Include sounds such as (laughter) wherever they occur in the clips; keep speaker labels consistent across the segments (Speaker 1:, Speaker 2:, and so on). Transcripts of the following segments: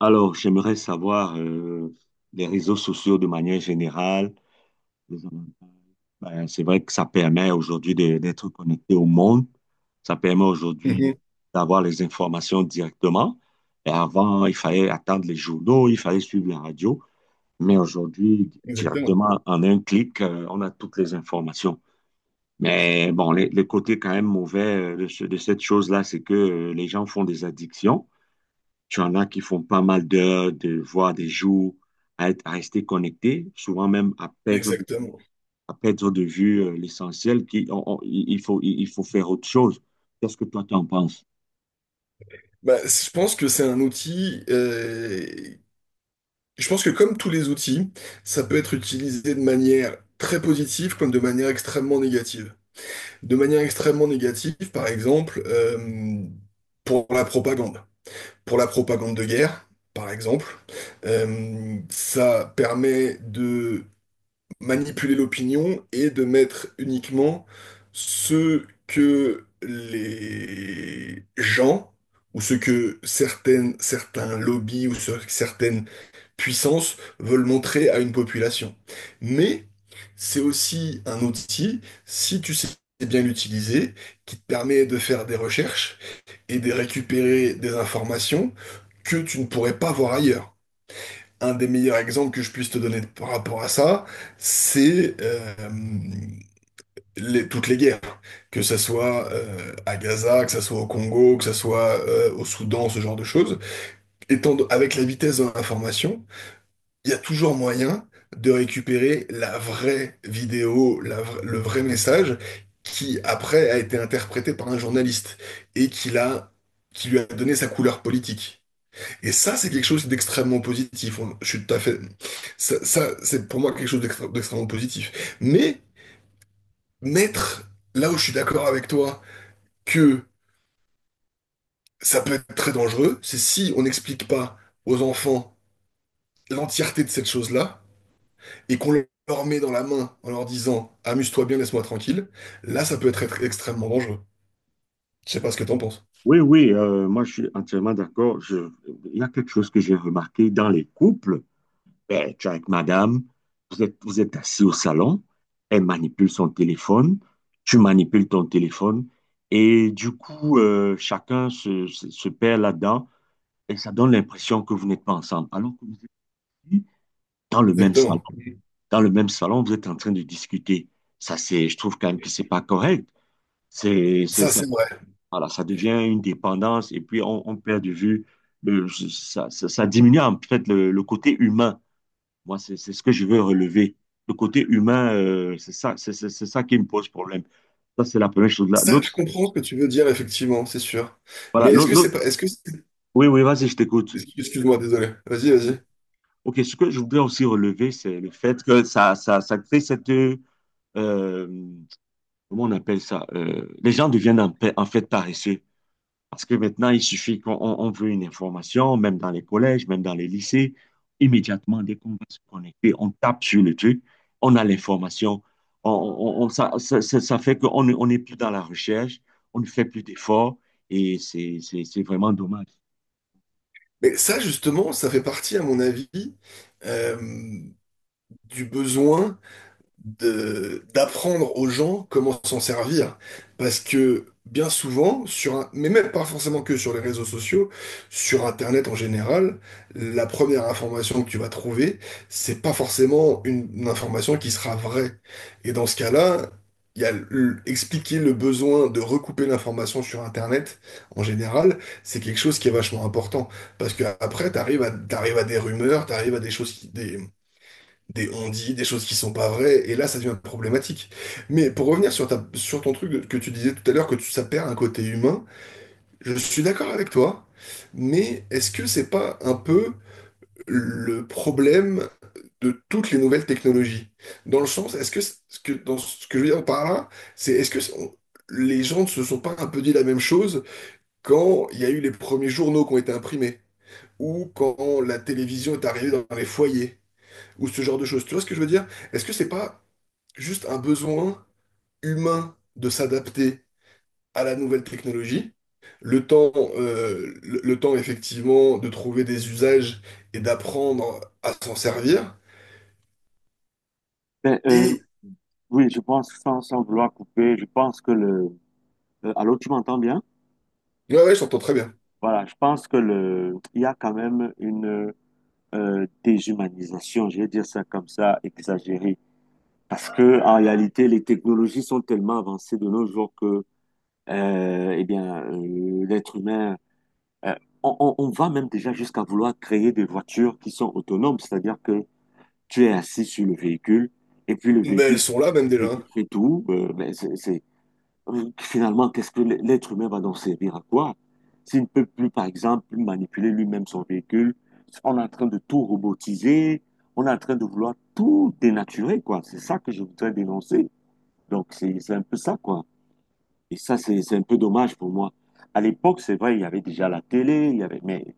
Speaker 1: Alors, j'aimerais savoir les réseaux sociaux de manière générale. Les avantages. Ben, c'est vrai que ça permet aujourd'hui d'être connecté au monde. Ça permet aujourd'hui
Speaker 2: Mhm.
Speaker 1: d'avoir les informations directement. Et avant, il fallait attendre les journaux, il fallait suivre la radio. Mais aujourd'hui,
Speaker 2: Exactement.
Speaker 1: directement, en un clic, on a toutes les informations. Mais bon, les côtés quand même mauvais de cette chose-là, c'est que les gens font des addictions. Tu en as qui font pas mal d'heures, voire des jours à rester connectés, souvent même à perdre,
Speaker 2: Exactement.
Speaker 1: à perdre de vue l'essentiel. Qui, on- on- il il faut, il faut faire autre chose. Qu'est-ce que toi, tu en penses?
Speaker 2: Je pense que c'est un outil. Je pense que comme tous les outils, ça peut être utilisé de manière très positive comme de manière extrêmement négative. De manière extrêmement négative, par exemple, pour la propagande. Pour la propagande de guerre, par exemple, ça permet manipuler l'opinion et de mettre uniquement ce que les gens ou ce que certaines, certains lobbies ou certaines puissances veulent montrer à une population. Mais c'est aussi un outil, si tu sais bien l'utiliser, qui te permet de faire des recherches et de récupérer des informations que tu ne pourrais pas voir ailleurs. Un des meilleurs exemples que je puisse te donner par rapport à ça, c'est toutes les guerres, que ça soit à Gaza, que ça soit au Congo, que ça soit au Soudan, ce genre de choses. Avec la vitesse de l'information, il y a toujours moyen de récupérer la vraie vidéo, le vrai message qui après a été interprété par un journaliste et qui l'a, qui lui a donné sa couleur politique. Et ça, c'est quelque chose d'extrêmement positif. Je suis tout à fait. Ça, c'est pour moi quelque chose d'extrêmement positif. Mais mettre, là où je suis d'accord avec toi, que ça peut être très dangereux, c'est si on n'explique pas aux enfants l'entièreté de cette chose-là et qu'on leur met dans la main en leur disant amuse-toi bien, laisse-moi tranquille. Là, ça peut être extrêmement dangereux. Je sais pas ce que t'en penses.
Speaker 1: Oui, oui, moi je suis entièrement d'accord. Il y a quelque chose que j'ai remarqué dans les couples. Ben, tu es avec madame, vous êtes assis au salon, elle manipule son téléphone, tu manipules ton téléphone, et du coup, chacun se perd là-dedans. Et ça donne l'impression que vous n'êtes pas ensemble, alors que vous êtes dans le même salon.
Speaker 2: Exactement.
Speaker 1: Dans le même salon, vous êtes en train de discuter. Je trouve quand même que c'est pas correct. C'est, c'est,
Speaker 2: Ça,
Speaker 1: ça,
Speaker 2: c'est vrai.
Speaker 1: voilà, ça devient une dépendance et puis on perd de vue, ça diminue en fait le côté humain. Moi, c'est ce que je veux relever. Le côté humain, c'est ça, c'est ça qui me pose problème. Ça, c'est la première chose là.
Speaker 2: Ça,
Speaker 1: L'autre,
Speaker 2: je comprends ce que tu veux dire, effectivement, c'est sûr. Mais
Speaker 1: voilà,
Speaker 2: est-ce
Speaker 1: l'autre,
Speaker 2: que c'est
Speaker 1: l'autre-
Speaker 2: pas. Est-ce que.
Speaker 1: Oui, oui, vas-y, je t'écoute.
Speaker 2: Excuse-moi, désolé. Vas-y, vas-y.
Speaker 1: OK, ce que je voudrais aussi relever, c'est le fait que ça crée cette... euh, Comment on appelle ça? Les gens deviennent en fait paresseux. Parce que maintenant, il suffit qu'on on veut une information, même dans les collèges, même dans les lycées. Immédiatement, dès qu'on va se connecter, on tape sur le truc, on a l'information. Ça fait qu'on ne- on n'est plus dans la recherche, on ne fait plus d'efforts et c'est vraiment dommage.
Speaker 2: Mais ça, justement, ça fait partie, à mon avis, euh, du besoin d'apprendre aux gens comment s'en servir. Parce que bien souvent, sur un, mais même pas forcément que sur les réseaux sociaux, sur Internet en général, la première information que tu vas trouver, c'est pas forcément une information qui sera vraie. Et dans ce cas-là, il y a expliquer le besoin de recouper l'information sur Internet en général, c'est quelque chose qui est vachement important. Parce que après, t'arrives à des rumeurs, t'arrives à des choses qui, des on-dit, des choses qui sont pas vraies, et là ça devient problématique. Mais pour revenir sur ta, sur ton truc que tu disais tout à l'heure, ça perd un côté humain, je suis d'accord avec toi, mais est-ce que c'est pas un peu le problème de toutes les nouvelles technologies? Dans le sens, est-ce que, dans ce que je veux dire par là, c'est est-ce que les gens ne se sont pas un peu dit la même chose quand il y a eu les premiers journaux qui ont été imprimés, ou quand la télévision est arrivée dans les foyers, ou ce genre de choses? Tu vois ce que je veux dire? Est-ce que c'est pas juste un besoin humain de s'adapter à la nouvelle technologie? Le temps, le temps effectivement de trouver des usages et d'apprendre à s'en servir. Et
Speaker 1: Oui, euh, bien.
Speaker 2: ouais, ouais, je t'entends très bien.
Speaker 1: Voilà, il y a euh, euh, parce que en réalité, les technologies sont tellement avancées de nos jours que, eh bien, l'être humain, euh, on va même déjà vouloir créer des voitures qui sont autonomes, c'est-à-dire que tu es assis sur le véhicule et puis
Speaker 2: Mais elles sont là même
Speaker 1: le
Speaker 2: déjà,
Speaker 1: véhicule
Speaker 2: hein.
Speaker 1: fait tout. Mais finalement, qu'est-ce que l'être humain va donc servir à quoi? S'il ne peut plus, par exemple, manipuler lui-même son véhicule, on est en train de tout robotiser, on est en train de vouloir tout dénaturer, quoi. C'est ça que je voudrais dénoncer. Donc, c'est un peu ça, quoi. Et ça, c'est un peu dommage pour moi. À l'époque, c'est vrai, il y avait déjà la télé, mais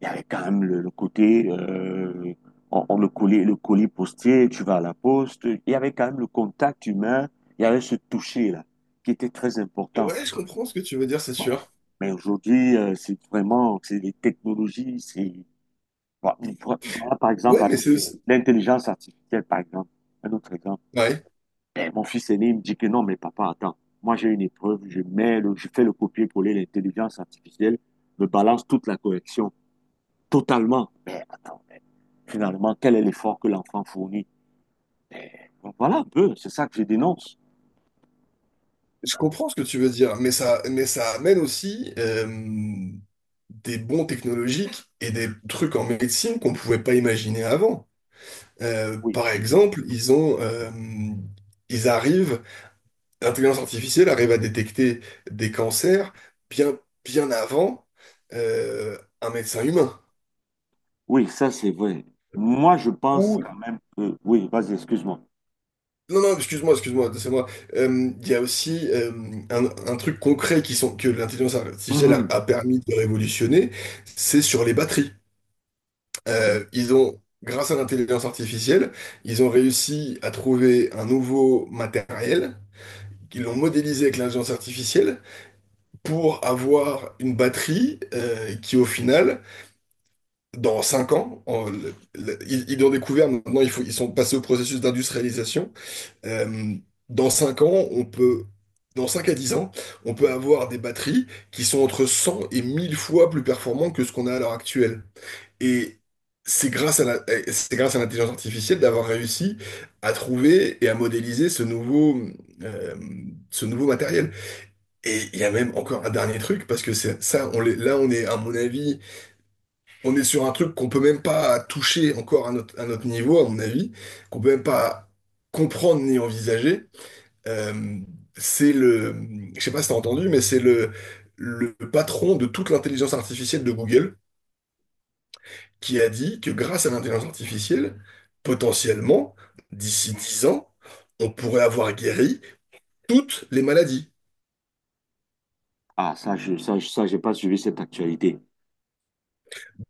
Speaker 1: il y avait quand même le côté, on le collait, le colis postier, tu vas à la poste. Il y avait quand même le contact humain, il y avait ce toucher-là, qui était très important.
Speaker 2: Ouais, je comprends ce que tu veux dire, c'est
Speaker 1: Bon.
Speaker 2: sûr.
Speaker 1: Mais aujourd'hui, c'est les technologies, voilà, voilà, par exemple,
Speaker 2: Ouais, mais
Speaker 1: avec
Speaker 2: c'est aussi...
Speaker 1: l'intelligence artificielle, par exemple, un autre exemple.
Speaker 2: Ouais,
Speaker 1: Et mon fils aîné, il me dit que non, mais papa, attends, moi j'ai une épreuve, je fais le copier-coller, l'intelligence artificielle me balance toute la correction, totalement. Mais attends, finalement, quel est l'effort que l'enfant fournit? Mais, voilà un peu, c'est ça que je dénonce.
Speaker 2: je comprends ce que tu veux dire, mais ça amène aussi des bons technologiques et des trucs en médecine qu'on pouvait pas imaginer avant. Euh,
Speaker 1: Oui,
Speaker 2: par
Speaker 1: c'est vrai.
Speaker 2: exemple, ils arrivent, l'intelligence artificielle arrive à détecter des cancers bien, bien avant un médecin humain.
Speaker 1: Oui, ça c'est vrai. Moi, je pense
Speaker 2: Ou,
Speaker 1: quand même que... Oui, vas-y, excuse-moi.
Speaker 2: non, non, excuse-moi, excuse-moi, c'est moi. Il y a aussi un truc concret qui sont, que l'intelligence artificielle a,
Speaker 1: Mhm.
Speaker 2: a permis de révolutionner, c'est sur les batteries. Ils ont, grâce à l'intelligence artificielle, ils ont réussi à trouver un nouveau matériel, qu'ils l'ont modélisé avec l'intelligence artificielle, pour avoir une batterie qui, au final, dans 5 ans, ils l'ont découvert, maintenant il faut, ils sont passés au processus d'industrialisation. Euh, dans 5 ans, on peut, dans 5 à 10 ans, on peut avoir des batteries qui sont entre 100 et 1000 fois plus performantes que ce qu'on a à l'heure actuelle. Et c'est grâce à la, et c'est grâce à l'intelligence artificielle d'avoir réussi à trouver et à modéliser euh, ce nouveau matériel. Et il y a même encore un dernier truc, parce que c'est ça, là, on est, à mon avis, on est sur un truc qu'on peut même pas toucher encore à notre niveau, à mon avis, qu'on peut même pas comprendre ni envisager. Euh, c'est le, je sais pas si t'as entendu, mais c'est le patron de toute l'intelligence artificielle de Google qui a dit que grâce à l'intelligence artificielle, potentiellement, d'ici 10 ans, on pourrait avoir guéri toutes les maladies.
Speaker 1: Ah, j'ai pas suivi cette actualité.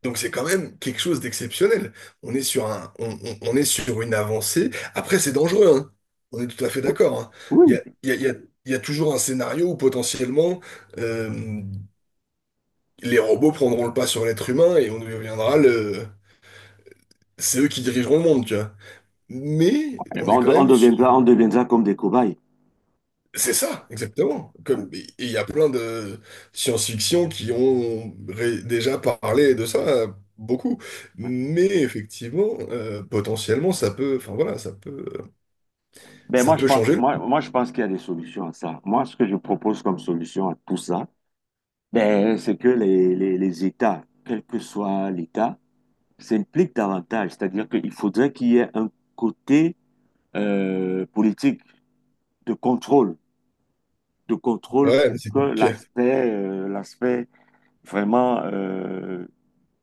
Speaker 2: Donc c'est quand même quelque chose d'exceptionnel. On est sur un, on est sur une avancée. Après, c'est dangereux, hein. On est tout à fait d'accord, hein. Il y
Speaker 1: Oui.
Speaker 2: a, il y a- il y a- il y a toujours un scénario où potentiellement euh, les robots prendront le pas sur l'être humain et on deviendra le... C'est eux qui dirigeront le monde, tu vois. Mais
Speaker 1: Eh
Speaker 2: on
Speaker 1: ben,
Speaker 2: est quand
Speaker 1: on
Speaker 2: même sur...
Speaker 1: deviendra, on deviendra comme des cobayes.
Speaker 2: C'est ça, exactement. Et il y a plein de science-fiction qui ont déjà parlé de ça beaucoup. Mais effectivement, potentiellement, ça peut, enfin voilà, ça peut,
Speaker 1: Ben
Speaker 2: ça
Speaker 1: moi,
Speaker 2: peut changer le monde.
Speaker 1: je pense qu'il y a des solutions à ça. Moi, ce que je propose comme solution à tout ça, ben, c'est que les États, quel que soit l'État, s'impliquent davantage. C'est-à-dire qu'il faudrait qu'il y ait un côté politique de contrôle, de contrôle
Speaker 2: Ouais, mais
Speaker 1: pour
Speaker 2: c'est
Speaker 1: que
Speaker 2: compliqué.
Speaker 1: l'aspect, vraiment, euh,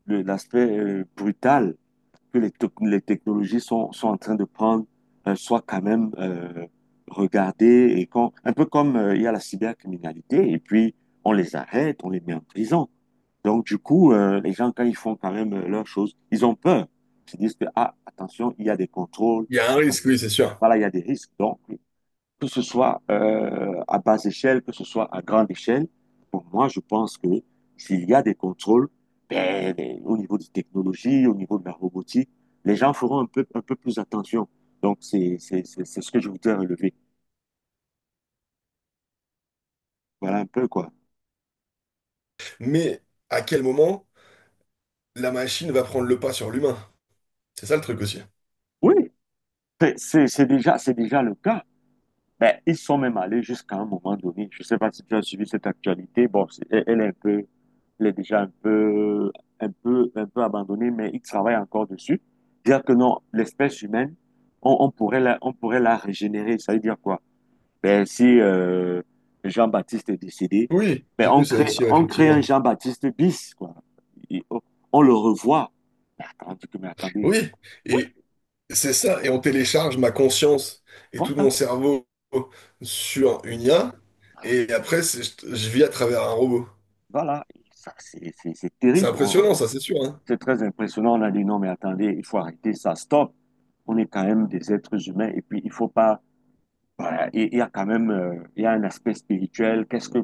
Speaker 1: l'aspect brutal que les technologies sont en train de prendre soit quand même regardées et quand un peu comme il y a la cybercriminalité et puis on les arrête, on les met en prison. Donc du coup, les gens, quand ils font quand même leurs choses, ils ont peur. Ils disent que, ah, attention, il y a des contrôles,
Speaker 2: Il y a un risque,
Speaker 1: attention,
Speaker 2: oui, c'est sûr.
Speaker 1: voilà, il y a des risques. Donc, que ce soit à basse échelle, que ce soit à grande échelle, pour moi, je pense que s'il y a des contrôles, ben, au niveau des technologies, au niveau de la robotique, les gens feront un peu plus attention. Donc, c'est ce que je voudrais relever. Voilà un peu quoi.
Speaker 2: Mais à quel moment la machine va prendre le pas sur l'humain? C'est ça le truc aussi.
Speaker 1: Oui, c'est déjà le cas. Ben, ils sont même allés jusqu'à un moment donné. Je ne sais pas si tu as suivi cette actualité. Bon, c'est- elle elle est un peu il est déjà un peu abandonné, mais il travaille encore dessus. Dire que non, l'espèce humaine, on pourrait on pourrait la régénérer. Ça veut dire quoi? Ben, si Jean-Baptiste est décédé,
Speaker 2: Oui,
Speaker 1: ben,
Speaker 2: j'ai
Speaker 1: on
Speaker 2: vu ça
Speaker 1: crée,
Speaker 2: aussi, ouais,
Speaker 1: on crée un
Speaker 2: effectivement.
Speaker 1: Jean-Baptiste bis, quoi. Et on le revoit. Mais attendez, mais attendez.
Speaker 2: Oui,
Speaker 1: Oui,
Speaker 2: et c'est ça, et on télécharge ma conscience et tout
Speaker 1: voilà,
Speaker 2: mon cerveau sur une IA, et après, je vis à travers un robot.
Speaker 1: voilà. Ça, c'est
Speaker 2: C'est
Speaker 1: terrible.
Speaker 2: impressionnant, ça, c'est sûr, hein.
Speaker 1: C'est très impressionnant. On a dit non, mais attendez, il faut arrêter ça. Stop. On est quand même des êtres humains et puis il faut pas. Voilà, il y a un aspect spirituel. Qu'est-ce que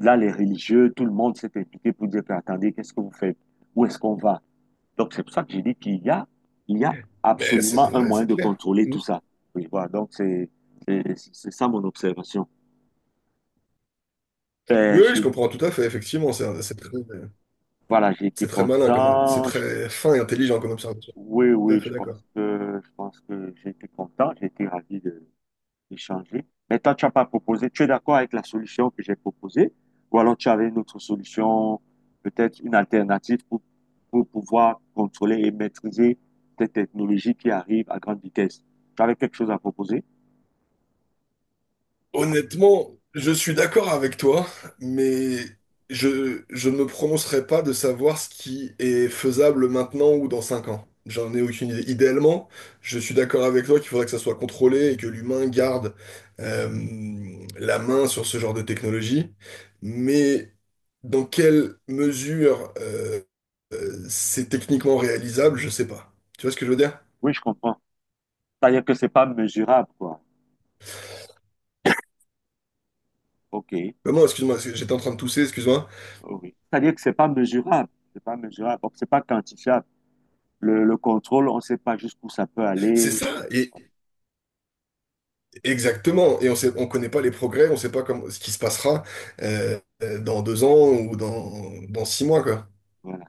Speaker 1: Là, les religieux, tout le monde s'est impliqué pour dire que, attendez, qu'est-ce que vous faites? Où est-ce qu'on va? Donc c'est pour ça que j'ai dit qu'il y a
Speaker 2: Mais c'est
Speaker 1: absolument un
Speaker 2: vrai,
Speaker 1: moyen
Speaker 2: c'est
Speaker 1: de
Speaker 2: clair.
Speaker 1: contrôler
Speaker 2: Mm.
Speaker 1: tout ça. Oui, voilà, donc c'est ça mon observation.
Speaker 2: Oui,
Speaker 1: Ben,
Speaker 2: oui, je comprends tout à fait, effectivement, c'est très,
Speaker 1: voilà, j'ai été
Speaker 2: c'est très malin, comme, c'est
Speaker 1: content.
Speaker 2: très fin et intelligent comme observation.
Speaker 1: Oui,
Speaker 2: Tout à
Speaker 1: oui,
Speaker 2: fait
Speaker 1: je
Speaker 2: d'accord.
Speaker 1: pense que je pense que j'ai été content. J'ai été ravi de échanger. Mais toi, tu n'as pas proposé, tu es d'accord avec la solution que j'ai proposée, ou alors tu avais une autre solution, peut-être une alternative pour, pouvoir contrôler et maîtriser cette technologie qui arrive à grande vitesse. Tu avais quelque chose à proposer?
Speaker 2: Honnêtement, je suis d'accord avec toi, mais je ne me prononcerai pas de savoir ce qui est faisable maintenant ou dans 5 ans. J'en ai aucune idée. Idéalement, je suis d'accord avec toi qu'il faudrait que ça soit contrôlé et que l'humain garde euh, la main sur ce genre de technologie. Mais dans quelle mesure c'est techniquement réalisable, je sais pas. Tu vois ce que je veux dire?
Speaker 1: Oui, je comprends. C'est-à-dire que c'est pas mesurable, quoi. OK.
Speaker 2: Maman, excuse-moi, parce que j'étais en train de tousser, excuse-moi.
Speaker 1: Oui. C'est-à-dire que c'est pas mesurable. C'est pas mesurable. Donc, c'est pas quantifiable. Le contrôle, on ne sait pas jusqu'où ça peut
Speaker 2: C'est
Speaker 1: aller.
Speaker 2: ça. Exactement, et on sait, on connaît pas les progrès, on sait pas comme ce qui se passera dans 2 ans ou dans, dans 6 mois, quoi.
Speaker 1: Voilà.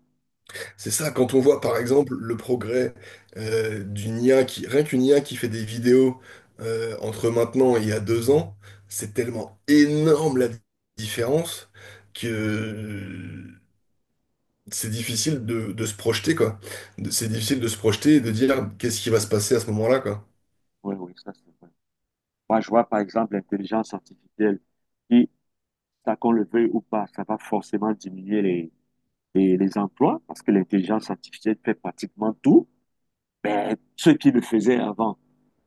Speaker 2: C'est ça, quand on voit par exemple le progrès d'une IA qui, rien qu'une IA qui fait des vidéos entre maintenant et il y a 2 ans, c'est tellement énorme la différence que c'est difficile de se projeter, quoi. C'est difficile de se projeter et de dire qu'est-ce qui va se passer à ce moment-là, quoi.
Speaker 1: Oui, oui, ça c'est vrai. Moi, je vois par exemple l'intelligence artificielle qui ça qu'on le veuille ou pas, ça va forcément diminuer les emplois parce que l'intelligence artificielle fait pratiquement tout. Ben, ceux qui le faisaient avant,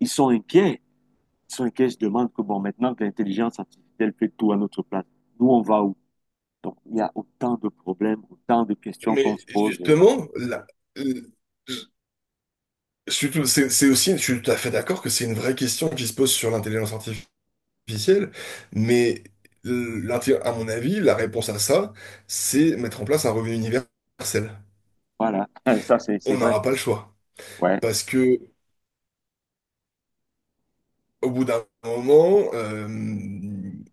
Speaker 1: ils sont inquiets. Ils sont inquiets, je demande que bon, maintenant que l'intelligence artificielle fait tout à notre place, nous, on va où? Donc, il y a autant de problèmes, autant de questions qu'on
Speaker 2: Mais
Speaker 1: se pose.
Speaker 2: justement, C'est aussi, je suis tout à fait d'accord que c'est une vraie question qui se pose sur l'intelligence artificielle, mais à mon avis, la réponse à ça, c'est mettre en place un revenu universel.
Speaker 1: Voilà, (laughs) ça, c'est
Speaker 2: On
Speaker 1: vrai.
Speaker 2: n'aura pas le choix.
Speaker 1: Ouais,
Speaker 2: Parce que au bout d'un moment,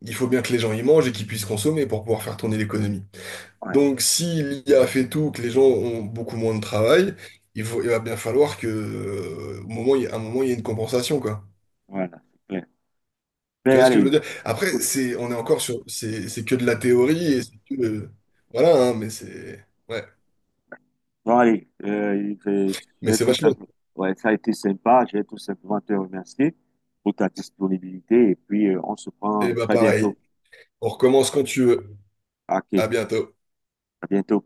Speaker 2: il faut bien que les gens y mangent et qu'ils puissent consommer pour pouvoir faire tourner l'économie.
Speaker 1: ouais,
Speaker 2: Donc si l'IA fait tout, que les gens ont beaucoup moins de travail, il va bien falloir que, au moment, il y a- à un moment, il y ait une compensation, quoi.
Speaker 1: voilà, c'est clair.
Speaker 2: Tu
Speaker 1: Mais
Speaker 2: vois ce que je veux
Speaker 1: allez,
Speaker 2: dire? Après, on est encore sur, c'est que de la théorie et c'est que, voilà, hein, mais c'est, ouais,
Speaker 1: Bon, allez, je vais je
Speaker 2: mais
Speaker 1: vais
Speaker 2: c'est
Speaker 1: tout
Speaker 2: vachement.
Speaker 1: simplement. Ouais, ça a été sympa. Je vais tout simplement te remercier pour ta disponibilité. Et puis, on se
Speaker 2: Et
Speaker 1: prend
Speaker 2: bah
Speaker 1: très
Speaker 2: pareil,
Speaker 1: bientôt.
Speaker 2: on recommence quand tu veux.
Speaker 1: OK,
Speaker 2: À bientôt.
Speaker 1: à bientôt.